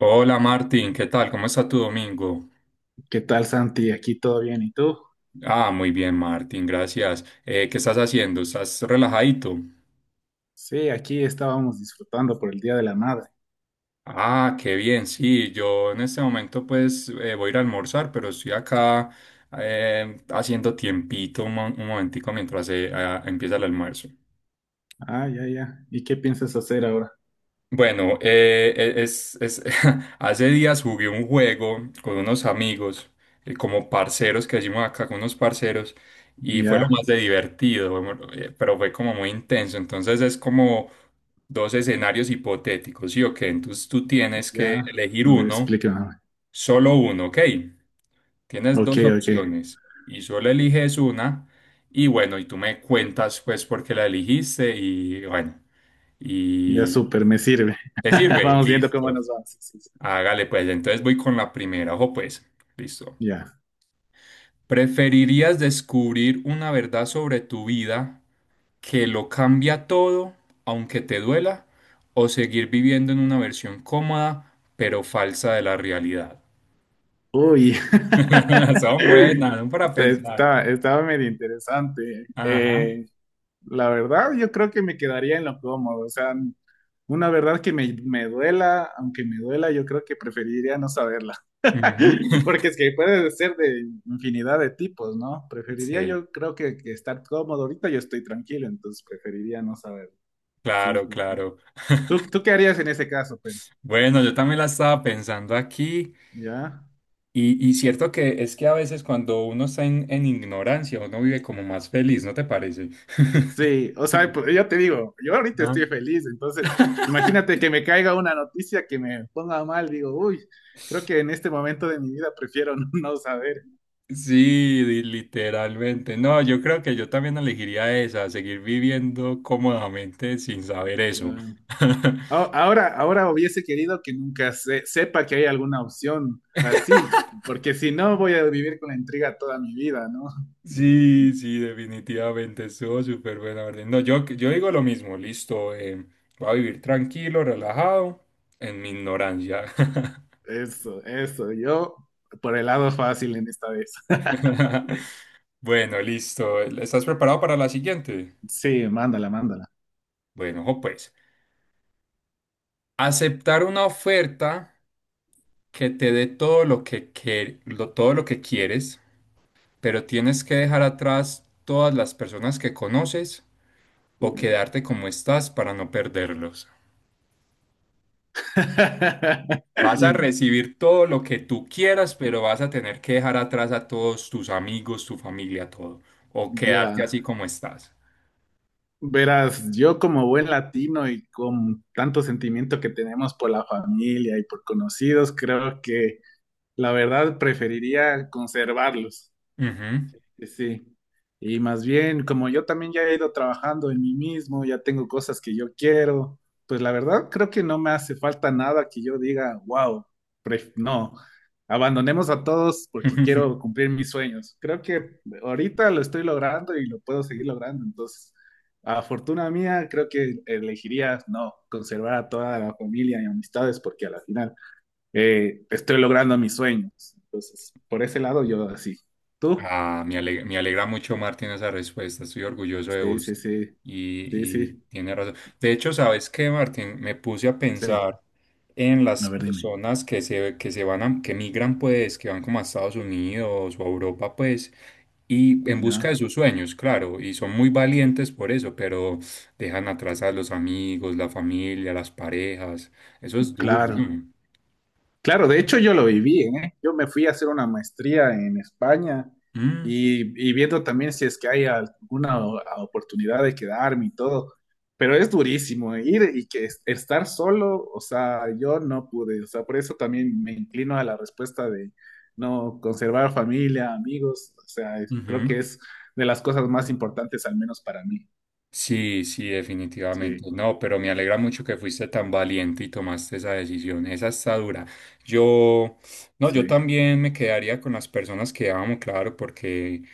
Hola Martín, ¿qué tal? ¿Cómo está tu domingo? ¿Qué tal, Santi? ¿Aquí todo bien? ¿Y tú? Ah, muy bien Martín, gracias. ¿Qué estás haciendo? ¿Estás relajadito? Sí, aquí estábamos disfrutando por el Día de la Madre. Ah, qué bien, sí, yo en este momento pues voy a ir a almorzar, pero estoy acá haciendo tiempito un momentico mientras empieza el almuerzo. Ah, ya, ya. ¿Y qué piensas hacer ahora? Bueno, hace días jugué un juego con unos amigos, como parceros que decimos acá con unos parceros, y fue lo Ya, más de divertido. Bueno, pero fue como muy intenso. Entonces es como dos escenarios hipotéticos, ¿sí o qué? Entonces tú tienes que ya. elegir A ver, uno, explícame. solo uno, ¿ok? Tienes Ok, dos ok. opciones y solo eliges una, y bueno, y tú me cuentas pues por qué la eligiste, y bueno. Ya, y súper, me sirve. ¿Te sirve? Vamos viendo cómo Listo. nos vamos. Sí, sí, sí. Hágale pues, entonces voy con la primera. Ojo pues, listo. Ya. ¿Preferirías descubrir una verdad sobre tu vida que lo cambia todo, aunque te duela, o seguir viviendo en una versión cómoda, pero falsa de la realidad? Uy. Son buenas, son para pensar. Estaba medio interesante. Ajá. La verdad, yo creo que me quedaría en lo cómodo. O sea, una verdad que me duela, aunque me duela, yo creo que preferiría no saberla. Ujú. Porque es que puede ser de infinidad de tipos, ¿no? Preferiría Sí, yo, creo que estar cómodo. Ahorita yo estoy tranquilo, entonces preferiría no saber. Sí, claro, sí, sí. claro. ¿Tú qué harías en ese caso? Pero Bueno, yo también la estaba pensando aquí. ¿ya? Y cierto que es que a veces cuando uno está en ignorancia, uno vive como más feliz, ¿no te parece? Sí, o sea, pues, yo te digo, yo ahorita Ah, estoy feliz, entonces imagínate que me caiga una noticia que me ponga mal, digo, uy, creo que en este momento de mi vida prefiero no saber. sí, literalmente. No, yo creo que yo también elegiría esa, seguir viviendo cómodamente sin saber eso. Ahora, ahora hubiese querido que nunca sepa que hay alguna opción así, porque si no voy a vivir con la intriga toda mi vida, ¿no? Sí, sí, definitivamente estuvo súper buena orden. No, yo digo lo mismo, listo, voy a vivir tranquilo, relajado, en mi ignorancia. Eso, yo por el lado fácil en esta vez. Bueno, listo. ¿Estás preparado para la siguiente? Sí, mándala, mándala. Bueno, ojo, pues. Aceptar una oferta que te dé todo lo que, todo lo que quieres, pero tienes que dejar atrás todas las personas que conoces, o Uy. quedarte como estás para no perderlos. Vas a recibir todo lo que tú quieras, pero vas a tener que dejar atrás a todos tus amigos, tu familia, todo, o quedarte Ya. así como estás. Verás, yo como buen latino y con tanto sentimiento que tenemos por la familia y por conocidos, creo que la verdad preferiría conservarlos. Ujú. Sí, sí. Y más bien, como yo también ya he ido trabajando en mí mismo, ya tengo cosas que yo quiero, pues la verdad creo que no me hace falta nada que yo diga, wow, no, abandonemos a todos porque quiero cumplir mis sueños. Creo que ahorita lo estoy logrando y lo puedo seguir logrando. Entonces, a fortuna mía, creo que elegiría no, conservar a toda la familia y amistades porque a la final estoy logrando mis sueños. Entonces, por ese lado yo así. ¿Tú? Ah, me alegra mucho, Martín, esa respuesta. Estoy orgulloso de Sí, vos. sí, sí, sí, Y sí, tiene razón. De hecho, ¿sabes qué, Martín? Me puse a sí. pensar en A las ver, dime. personas que se van a, que migran, pues, que van como a Estados Unidos o a Europa, pues, y en busca de Ya. sus sueños, claro, y son muy valientes por eso, pero dejan atrás a los amigos, la familia, las parejas. Eso es duro, Claro. ¿no? Claro, de hecho yo lo viví, ¿eh? Yo me fui a hacer una maestría en España Mm, y viendo también si es que hay alguna oportunidad de quedarme y todo. Pero es durísimo, ¿eh? Ir y que estar solo, o sea, yo no pude, o sea, por eso también me inclino a la respuesta de no conservar familia, amigos, o sea, creo que ujú. es de las cosas más importantes, al menos para mí. Sí, sí, Sí, definitivamente. No, pero me alegra mucho que fuiste tan valiente y tomaste esa decisión. Esa está dura. Yo, no, yo sí, también me quedaría con las personas que amo, claro, porque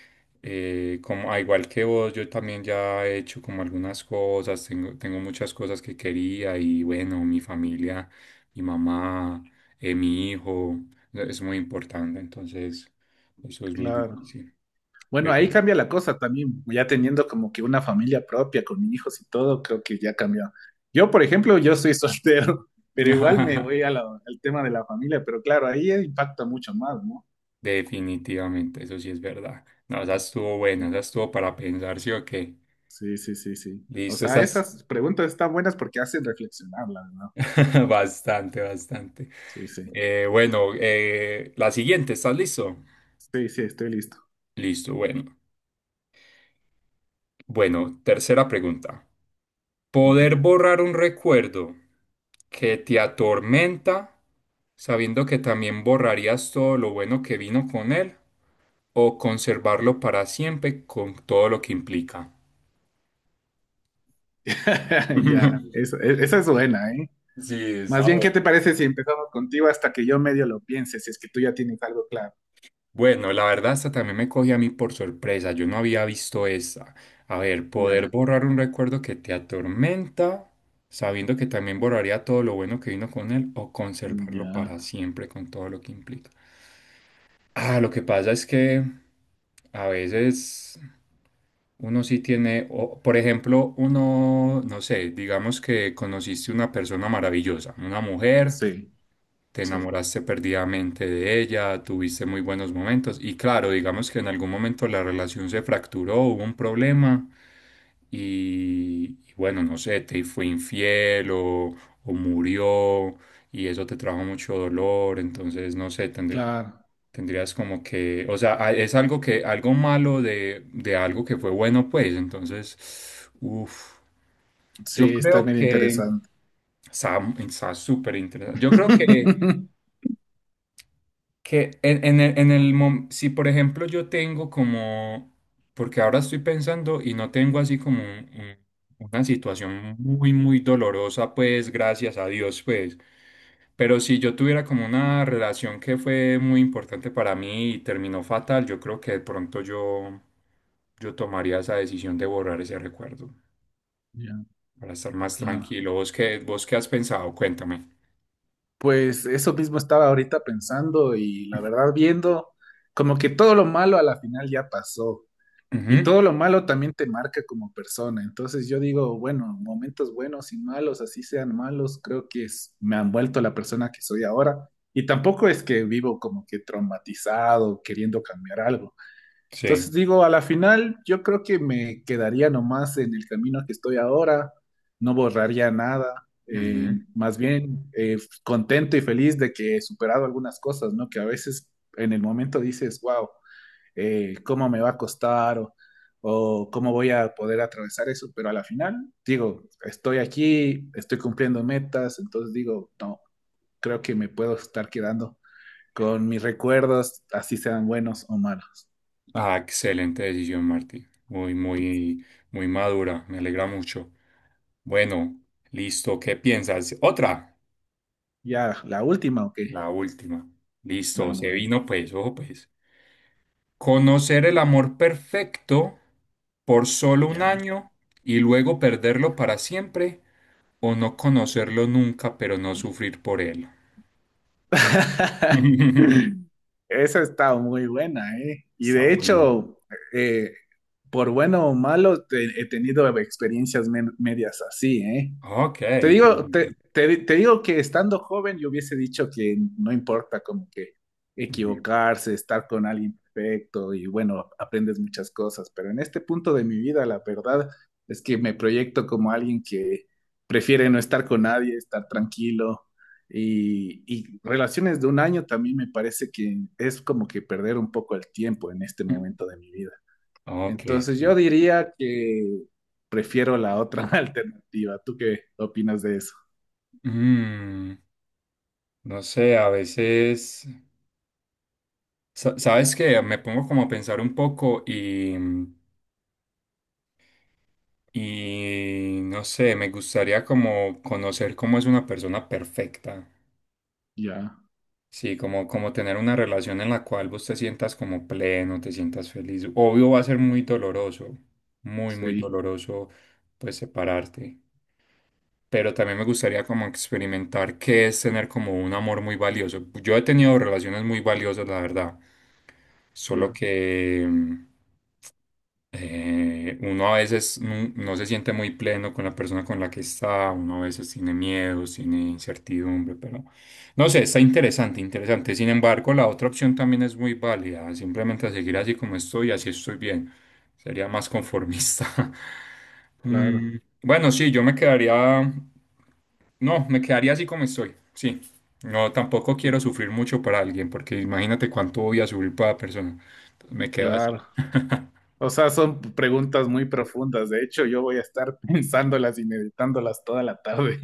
como, a igual que vos, yo también ya he hecho como algunas cosas, tengo, tengo muchas cosas que quería y bueno, mi familia, mi mamá, mi hijo, e, es muy importante, entonces eso es muy claro. difícil. Bueno, Pero... ahí cambia la cosa también, ya teniendo como que una familia propia con hijos y todo, creo que ya cambió. Yo, por ejemplo, yo soy soltero, pero igual me voy a al tema de la familia, pero claro, ahí impacta mucho más, ¿no? Definitivamente, eso sí es verdad. No, esa estuvo buena, esa estuvo para pensar, ¿sí o qué? Sí, sí, sí, sí. O Listo, sí. sea, Estás esas preguntas están buenas porque hacen reflexionar, la verdad. bastante, bastante. Sí, sí. Bueno, la siguiente, ¿estás listo? Sí, sí, estoy listo. Listo, bueno. Bueno, tercera pregunta. Ya. ¿Poder borrar un recuerdo que te atormenta, sabiendo que también borrarías todo lo bueno que vino con él, o conservarlo para siempre con todo lo que implica? Ya, esa es buena, ¿eh? Sí, Más está. bien, ¿qué te parece si empezamos contigo hasta que yo medio lo piense, si es que tú ya tienes algo claro? Bueno, la verdad, esta también me cogió a mí por sorpresa. Yo no había visto esta. A ver, poder Ya, borrar un recuerdo que te atormenta, sabiendo que también borraría todo lo bueno que vino con él, o conservarlo para ya, siempre con todo lo que implica. Ah, lo que pasa es que a veces uno sí tiene, o, por ejemplo, uno, no sé, digamos que conociste una persona maravillosa, una mujer, sí. te Sí, enamoraste perdidamente de ella, tuviste muy buenos momentos y claro, digamos que en algún momento la relación se fracturó, hubo un problema y bueno, no sé, te fue infiel o murió y eso te trajo mucho dolor, entonces no sé, claro. tendrías como que, o sea, es algo que, algo malo de algo que fue bueno, pues, entonces, uff, yo Sí, está creo medio que interesante. está, está súper interesante. Yo creo que... Que en el si por ejemplo yo tengo como, porque ahora estoy pensando y no tengo así como una situación muy, muy dolorosa, pues gracias a Dios, pues, pero si yo tuviera como una relación que fue muy importante para mí y terminó fatal, yo creo que de pronto yo, yo tomaría esa decisión de borrar ese recuerdo Ya, para estar más claro. tranquilo. Vos qué has pensado? Cuéntame. Pues eso mismo estaba ahorita pensando y la verdad viendo como que todo lo malo a la final ya pasó y Ujú, todo lo malo también te marca como persona. Entonces yo digo, bueno, momentos buenos y malos, así sean malos, creo que me han vuelto la persona que soy ahora. Y tampoco es que vivo como que traumatizado, queriendo cambiar algo. Entonces sí. digo, a la final yo creo que me quedaría nomás en el camino que estoy ahora, no borraría nada, más bien contento y feliz de que he superado algunas cosas, ¿no? Que a veces en el momento dices, wow, ¿cómo me va a costar? O cómo voy a poder atravesar eso, pero a la final digo, estoy aquí, estoy cumpliendo metas, entonces digo, no, creo que me puedo estar quedando con mis recuerdos, así sean buenos o malos. Ah, excelente decisión, Martí. Muy, muy, muy madura. Me alegra mucho. Bueno, listo. ¿Qué piensas? Otra. Ya, la última, ok. La última. Listo. Se Vamos ahí, vino, pues. Ojo, pues. Conocer el amor perfecto por solo un ya. año y luego perderlo para siempre, o no conocerlo nunca, pero no sufrir por él. Esa está muy buena, ¿eh? Y Está de bueno. hecho, eh, por bueno o malo, he tenido experiencias medias así, ¿eh? Ok, Te digo, interesante. Te digo que estando joven yo hubiese dicho que no importa como que Ujú. equivocarse, estar con alguien perfecto y bueno, aprendes muchas cosas, pero en este punto de mi vida la verdad es que me proyecto como alguien que prefiere no estar con nadie, estar tranquilo y relaciones de un año también me parece que es como que perder un poco el tiempo en este momento de mi vida. Ok, Entonces yo sí. diría que prefiero la otra alternativa. ¿Tú qué opinas de eso? Mm. No sé, a veces, ¿sabes qué? Me pongo como a pensar un poco y no sé, me gustaría como conocer cómo es una persona perfecta. Ya, Sí, como, como tener una relación en la cual vos te sientas como pleno, te sientas feliz. Obvio va a ser muy doloroso, muy, muy sí, doloroso pues separarte. Pero también me gustaría como experimentar qué es tener como un amor muy valioso. Yo he tenido relaciones muy valiosas, la verdad. Solo ya, que, uno a veces no, no se siente muy pleno con la persona con la que está, uno a veces tiene miedos, tiene incertidumbre, pero no sé, está interesante, interesante. Sin embargo, la otra opción también es muy válida, simplemente seguir así como estoy, así estoy bien. Sería más conformista. claro, Mm, bueno, sí, yo me quedaría, no, me quedaría así como estoy, sí. No, tampoco quiero sufrir mucho para alguien, porque imagínate cuánto voy a sufrir para la persona. Entonces me quedo así. claro. O sea, son preguntas muy profundas. De hecho, yo voy a estar pensándolas y meditándolas toda la tarde.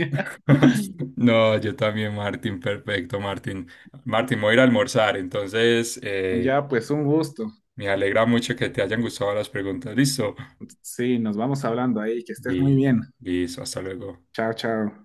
No, yo también, Martín, perfecto, Martín. Martín, voy a ir a almorzar, entonces Ya, pues un gusto. me alegra mucho que te hayan gustado las preguntas. Listo. Sí, nos vamos hablando ahí. Que estés muy Y bien. listo, hasta luego. Chao, chao.